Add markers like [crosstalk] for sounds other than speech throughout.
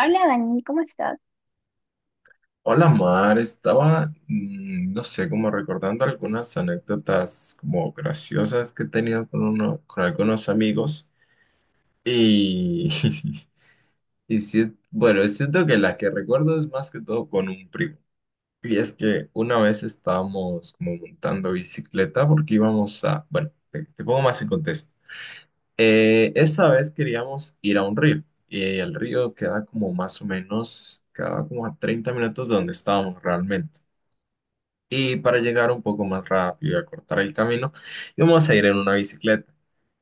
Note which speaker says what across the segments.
Speaker 1: Hola Dani, ¿cómo estás?
Speaker 2: Hola Mar, estaba, no sé, como recordando algunas anécdotas como graciosas que he tenido con algunos amigos y, [laughs] y sí, bueno, es cierto que la que recuerdo es más que todo con un primo. Y es que una vez estábamos como montando bicicleta porque íbamos a, bueno, te pongo más en contexto. Esa vez queríamos ir a un río y el río queda como más o menos, quedaba como a 30 minutos de donde estábamos realmente. Y para llegar un poco más rápido y acortar el camino, vamos a ir en una bicicleta.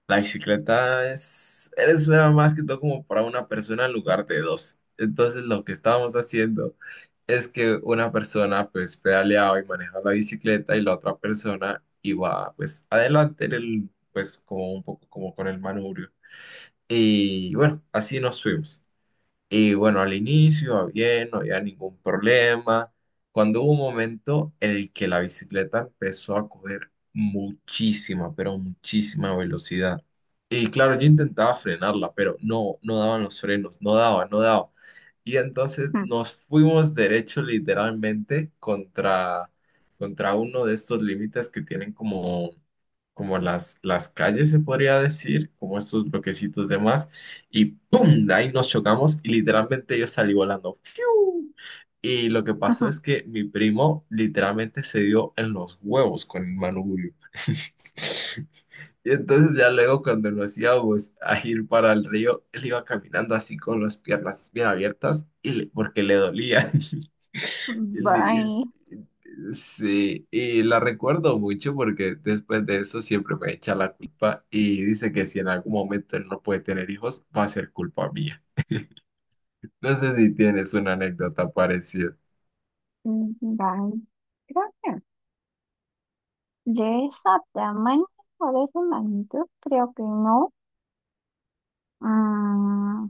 Speaker 2: La bicicleta es nada más que todo como para una persona en lugar de dos. Entonces lo que estábamos haciendo es que una persona pues pedaleaba y manejaba la bicicleta y la otra persona iba pues adelante en el, pues como un poco como con el manubrio. Y bueno, así nos fuimos. Y bueno, al inicio, bien, no había ningún problema. Cuando hubo un momento en el que la bicicleta empezó a coger muchísima, pero muchísima velocidad. Y claro, yo intentaba frenarla, pero no, no daban los frenos, no daba, no daba. Y entonces nos fuimos derecho literalmente contra uno de estos límites que tienen como las calles, se podría decir, como estos bloquecitos de más, y ¡pum! De ahí nos chocamos y literalmente yo salí volando. ¡Piu! Y lo que pasó
Speaker 1: Bye,
Speaker 2: es que mi primo literalmente se dio en los huevos con el manubrio. [laughs] Y entonces ya luego cuando nos íbamos a ir para el río, él iba caminando así con las piernas bien abiertas y porque le dolía. [laughs] Y le-
Speaker 1: bye.
Speaker 2: sí, y la recuerdo mucho porque después de eso siempre me echa la culpa y dice que si en algún momento él no puede tener hijos, va a ser culpa mía. No sé si tienes una anécdota parecida.
Speaker 1: Mm, Dani, creo que de esa tamaño o de esa magnitud, creo que no. Mm,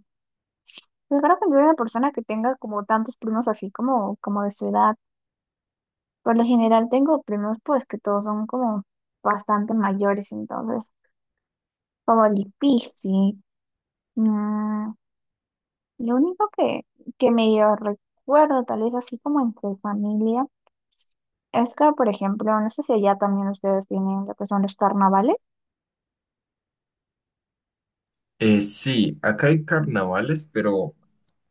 Speaker 1: yo creo que no soy una persona que tenga como tantos primos así como de su edad. Por lo general tengo primos pues que todos son como bastante mayores, entonces como difícil. Mm, lo único que medio recuerdo tal vez así como entre familia. Es que, por ejemplo, no sé si allá también ustedes tienen lo que son los carnavales.
Speaker 2: Sí, acá hay carnavales, pero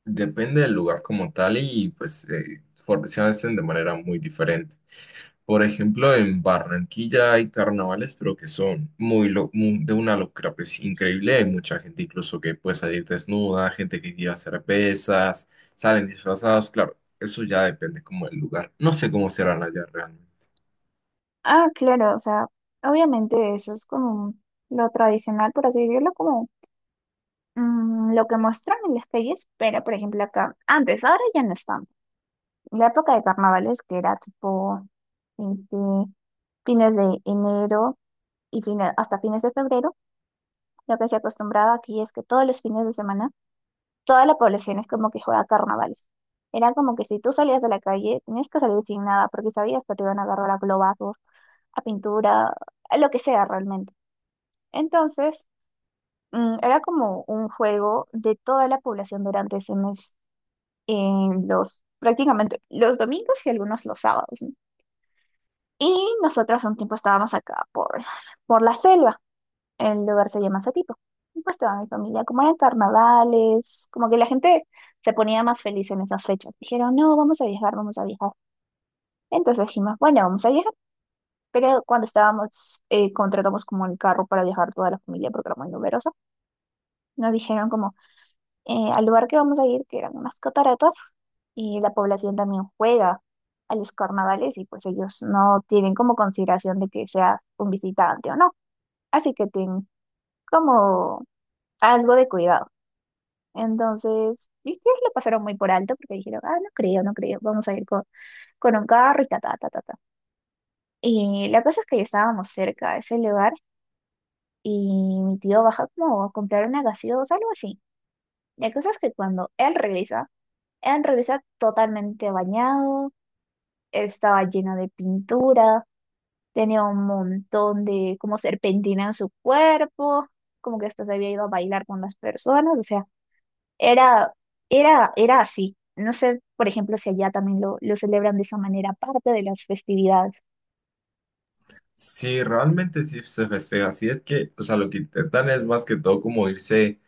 Speaker 2: depende del lugar como tal y pues se hacen de manera muy diferente. Por ejemplo, en Barranquilla hay carnavales, pero que son de una locura pues increíble. Hay mucha gente incluso que puede salir desnuda, gente que quiere hacer pesas, salen disfrazados. Claro, eso ya depende como del lugar. No sé cómo serán allá realmente.
Speaker 1: Ah, claro, o sea, obviamente eso es como lo tradicional, por así decirlo, como lo que muestran en las calles, pero por ejemplo acá, antes, ahora ya no están. La época de carnavales que era tipo este, fines de enero y fines, hasta fines de febrero, lo que se acostumbraba aquí es que todos los fines de semana toda la población es como que juega carnavales. Era como que si tú salías de la calle, tenías que salir sin nada, porque sabías que te iban a agarrar a globazos, a pintura, a lo que sea realmente. Entonces, era como un juego de toda la población durante ese mes, en los, prácticamente los domingos y algunos los sábados, ¿no? Y nosotros un tiempo estábamos acá por la selva. El lugar se llama Satipo. Y pues toda mi familia, como eran carnavales, como que la gente se ponía más feliz en esas fechas. Dijeron, no, vamos a viajar, vamos a viajar. Entonces dijimos, bueno, vamos a viajar. Pero cuando estábamos, contratamos como el carro para viajar toda la familia porque era muy numerosa, nos dijeron como al lugar que vamos a ir, que eran unas cataratas, y la población también juega a los carnavales y pues ellos no tienen como consideración de que sea un visitante o no. Así que tienen como algo de cuidado. Entonces, mis tíos lo pasaron muy por alto porque dijeron, ah, no creo, no creo, vamos a ir con un carro y ta, ta, ta, ta, ta. Y la cosa es que ya estábamos cerca de ese lugar y mi tío baja como a comprar una gaseosa, algo así. La cosa es que cuando él regresa totalmente bañado, estaba lleno de pintura, tenía un montón de como serpentina en su cuerpo, como que hasta se había ido a bailar con las personas, o sea. Era, era así. No sé, por ejemplo, si allá también lo celebran de esa manera, parte de las festividades.
Speaker 2: Sí, realmente sí se festeja. Así es que, o sea, lo que intentan es más que todo como irse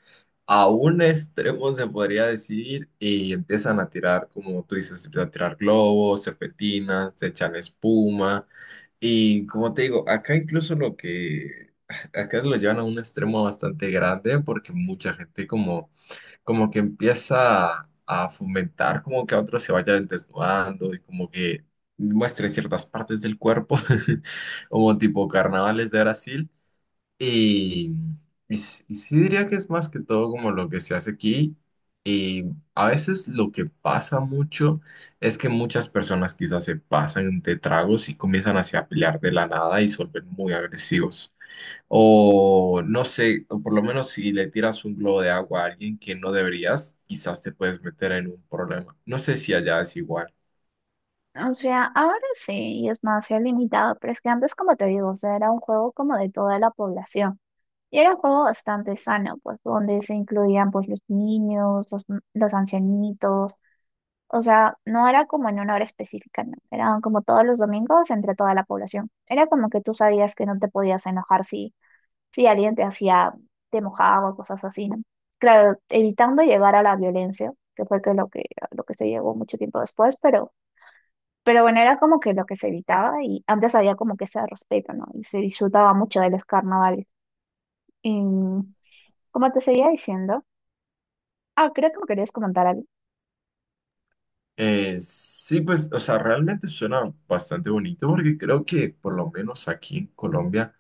Speaker 2: a un extremo, se podría decir, y empiezan a tirar, como tú dices, a tirar globos, serpentinas, se echan espuma, y como te digo, acá incluso lo que, acá lo llevan a un extremo bastante grande porque mucha gente como, como que empieza a fomentar como que a otros se vayan desnudando y como que muestren ciertas partes del cuerpo, [laughs] como tipo carnavales de Brasil. Y, y sí diría que es más que todo como lo que se hace aquí. Y a veces lo que pasa mucho es que muchas personas quizás se pasan de tragos y comienzan así a pelear de la nada y se vuelven muy agresivos. O no sé, o por lo menos si le tiras un globo de agua a alguien que no deberías, quizás te puedes meter en un problema. No sé si allá es igual.
Speaker 1: O sea, ahora sí, y es más, se ha limitado, pero es que antes, como te digo, o sea, era un juego como de toda la población. Y era un juego bastante sano, pues, donde se incluían, pues, los niños, los ancianitos. O sea, no era como en una hora específica, no. Eran como todos los domingos entre toda la población. Era como que tú sabías que no te podías enojar si. Sí, alguien te hacía, te mojaba, o cosas así, ¿no? Claro, evitando llegar a la violencia, que fue que lo que, lo que se llegó mucho tiempo después, pero bueno, era como que lo que se evitaba y antes había como que ese respeto, ¿no? Y se disfrutaba mucho de los carnavales. Y, como te seguía diciendo, ah, creo que me querías comentar algo.
Speaker 2: Sí, pues, o sea, realmente suena bastante bonito porque creo que por lo menos aquí en Colombia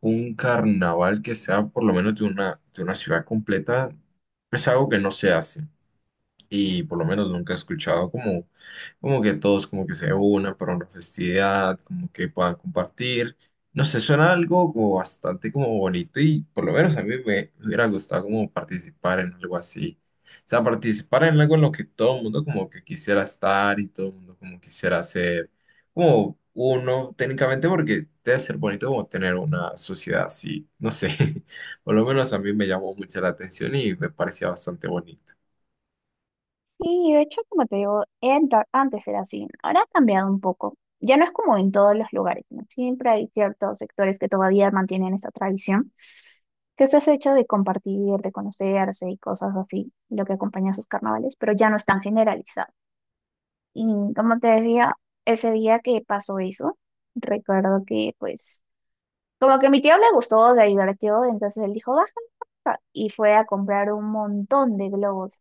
Speaker 2: un carnaval que sea por lo menos de una ciudad completa es algo que no se hace y por lo menos nunca he escuchado como, como que todos como que se unan para una festividad, como que puedan compartir. No sé, suena algo como bastante como bonito y por lo menos a mí me hubiera gustado como participar en algo así. O sea, participar en algo en lo que todo el mundo como que quisiera estar y todo el mundo como quisiera ser como uno técnicamente porque debe ser bonito como tener una sociedad así, no sé. [laughs] Por lo menos a mí me llamó mucho la atención y me parecía bastante bonito.
Speaker 1: Sí, de hecho, como te digo, antes era así, ahora ha cambiado un poco. Ya no es como en todos los lugares, ¿no? Siempre hay ciertos sectores que todavía mantienen esa tradición, que es ese hecho de compartir, de conocerse y cosas así, lo que acompaña a sus carnavales, pero ya no es tan generalizado. Y como te decía, ese día que pasó eso, recuerdo que pues como que a mi tío le gustó, le divirtió, entonces él dijo, baja, y fue a comprar un montón de globos.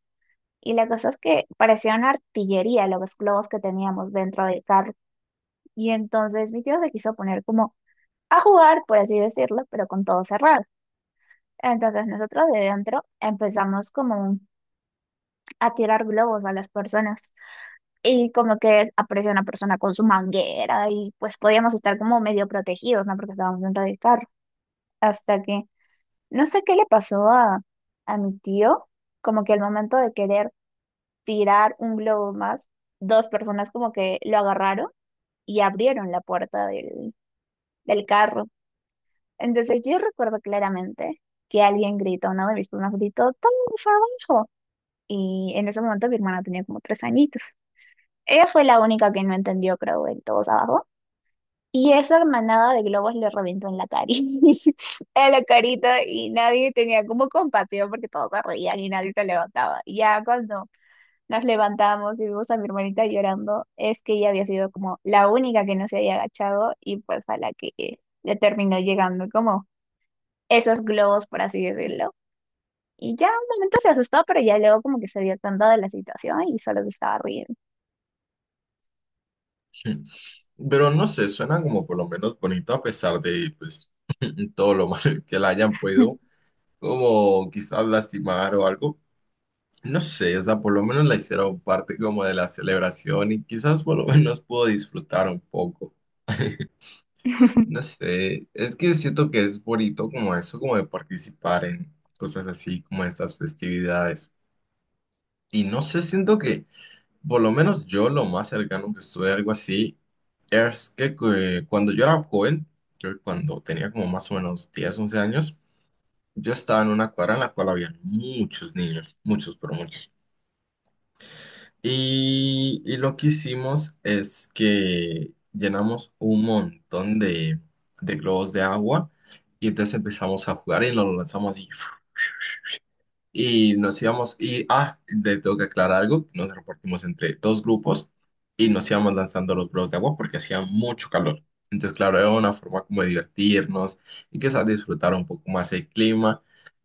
Speaker 1: Y la cosa es que parecía una artillería los globos que teníamos dentro del carro. Y entonces mi tío se quiso poner como a jugar, por así decirlo, pero con todo cerrado. Entonces nosotros de dentro empezamos como a tirar globos a las personas. Y como que apareció una persona con su manguera y pues podíamos estar como medio protegidos, ¿no? Porque estábamos dentro del carro. Hasta que no sé qué le pasó a mi tío, como que al momento de querer tirar un globo más, dos personas como que lo agarraron y abrieron la puerta del carro. Entonces yo recuerdo claramente que alguien gritó, uno de mis primas gritó, «¡Todos abajo!». Y en ese momento mi hermana tenía como tres añitos. Ella fue la única que no entendió, creo, el todos abajo. Y esa manada de globos le reventó en la [laughs] en la carita, y nadie tenía como compasión porque todos se reían y nadie se levantaba. Y ya cuando nos levantamos y vimos a mi hermanita llorando, es que ella había sido como la única que no se había agachado y pues a la que le terminó llegando como esos globos, por así decirlo. Y ya un momento se asustó, pero ya luego como que se dio cuenta de la situación y solo se estaba riendo.
Speaker 2: Pero no sé, suena como por lo menos bonito a pesar de pues [laughs] todo lo mal que la hayan podido, como quizás lastimar o algo. No sé, o sea, por lo menos la hicieron parte como de la celebración y quizás por lo [laughs] menos pudo disfrutar un poco. No sé, es que siento que es bonito como eso, como de participar en cosas así, como estas festividades. Y no sé, siento que por lo menos yo lo más cercano que estuve a algo así es que cuando yo era joven, yo cuando tenía como más o menos 10 11 años, yo estaba en una cuadra en la cual había muchos niños, muchos, pero muchos. Y lo que hicimos es que llenamos un montón de globos de agua y entonces empezamos a jugar y los lanzamos así. Y nos íbamos, tengo que aclarar algo, nos repartimos entre dos grupos y nos íbamos lanzando los globos de agua porque hacía mucho calor. Entonces, claro, era una forma como de divertirnos y quizás disfrutar un poco más el clima.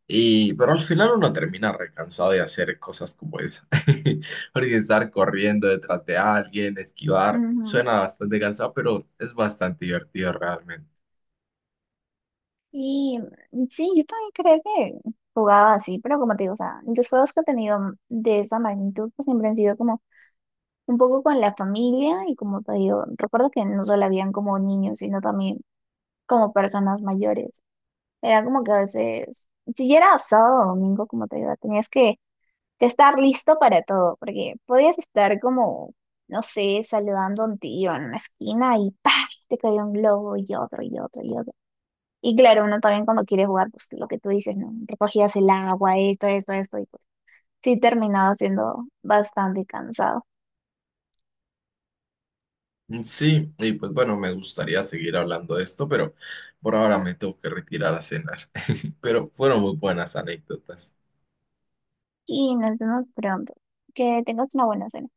Speaker 2: Y, pero al final uno termina recansado de hacer cosas como esa. [laughs] Porque estar corriendo detrás de alguien, esquivar,
Speaker 1: Ujú.
Speaker 2: suena bastante cansado, pero es bastante divertido realmente.
Speaker 1: Y sí, yo también creo que jugaba así, pero como te digo, o sea, los juegos que he tenido de esa magnitud pues siempre han sido como un poco con la familia y como te digo, recuerdo que no solo habían como niños, sino también como personas mayores. Era como que a veces, si era sábado o domingo, como te digo, tenías que estar listo para todo, porque podías estar como, no sé, saludando a un tío en una esquina y ¡pah! Te caía un globo y otro y otro y otro. Y claro, uno también cuando quiere jugar, pues lo que tú dices, ¿no? Recogías el agua, esto, y pues sí terminaba siendo bastante cansado.
Speaker 2: Sí, y pues bueno, me gustaría seguir hablando de esto, pero por ahora me tengo que retirar a cenar. [laughs] Pero fueron muy buenas anécdotas.
Speaker 1: Y nos vemos pronto. Que tengas una buena cena.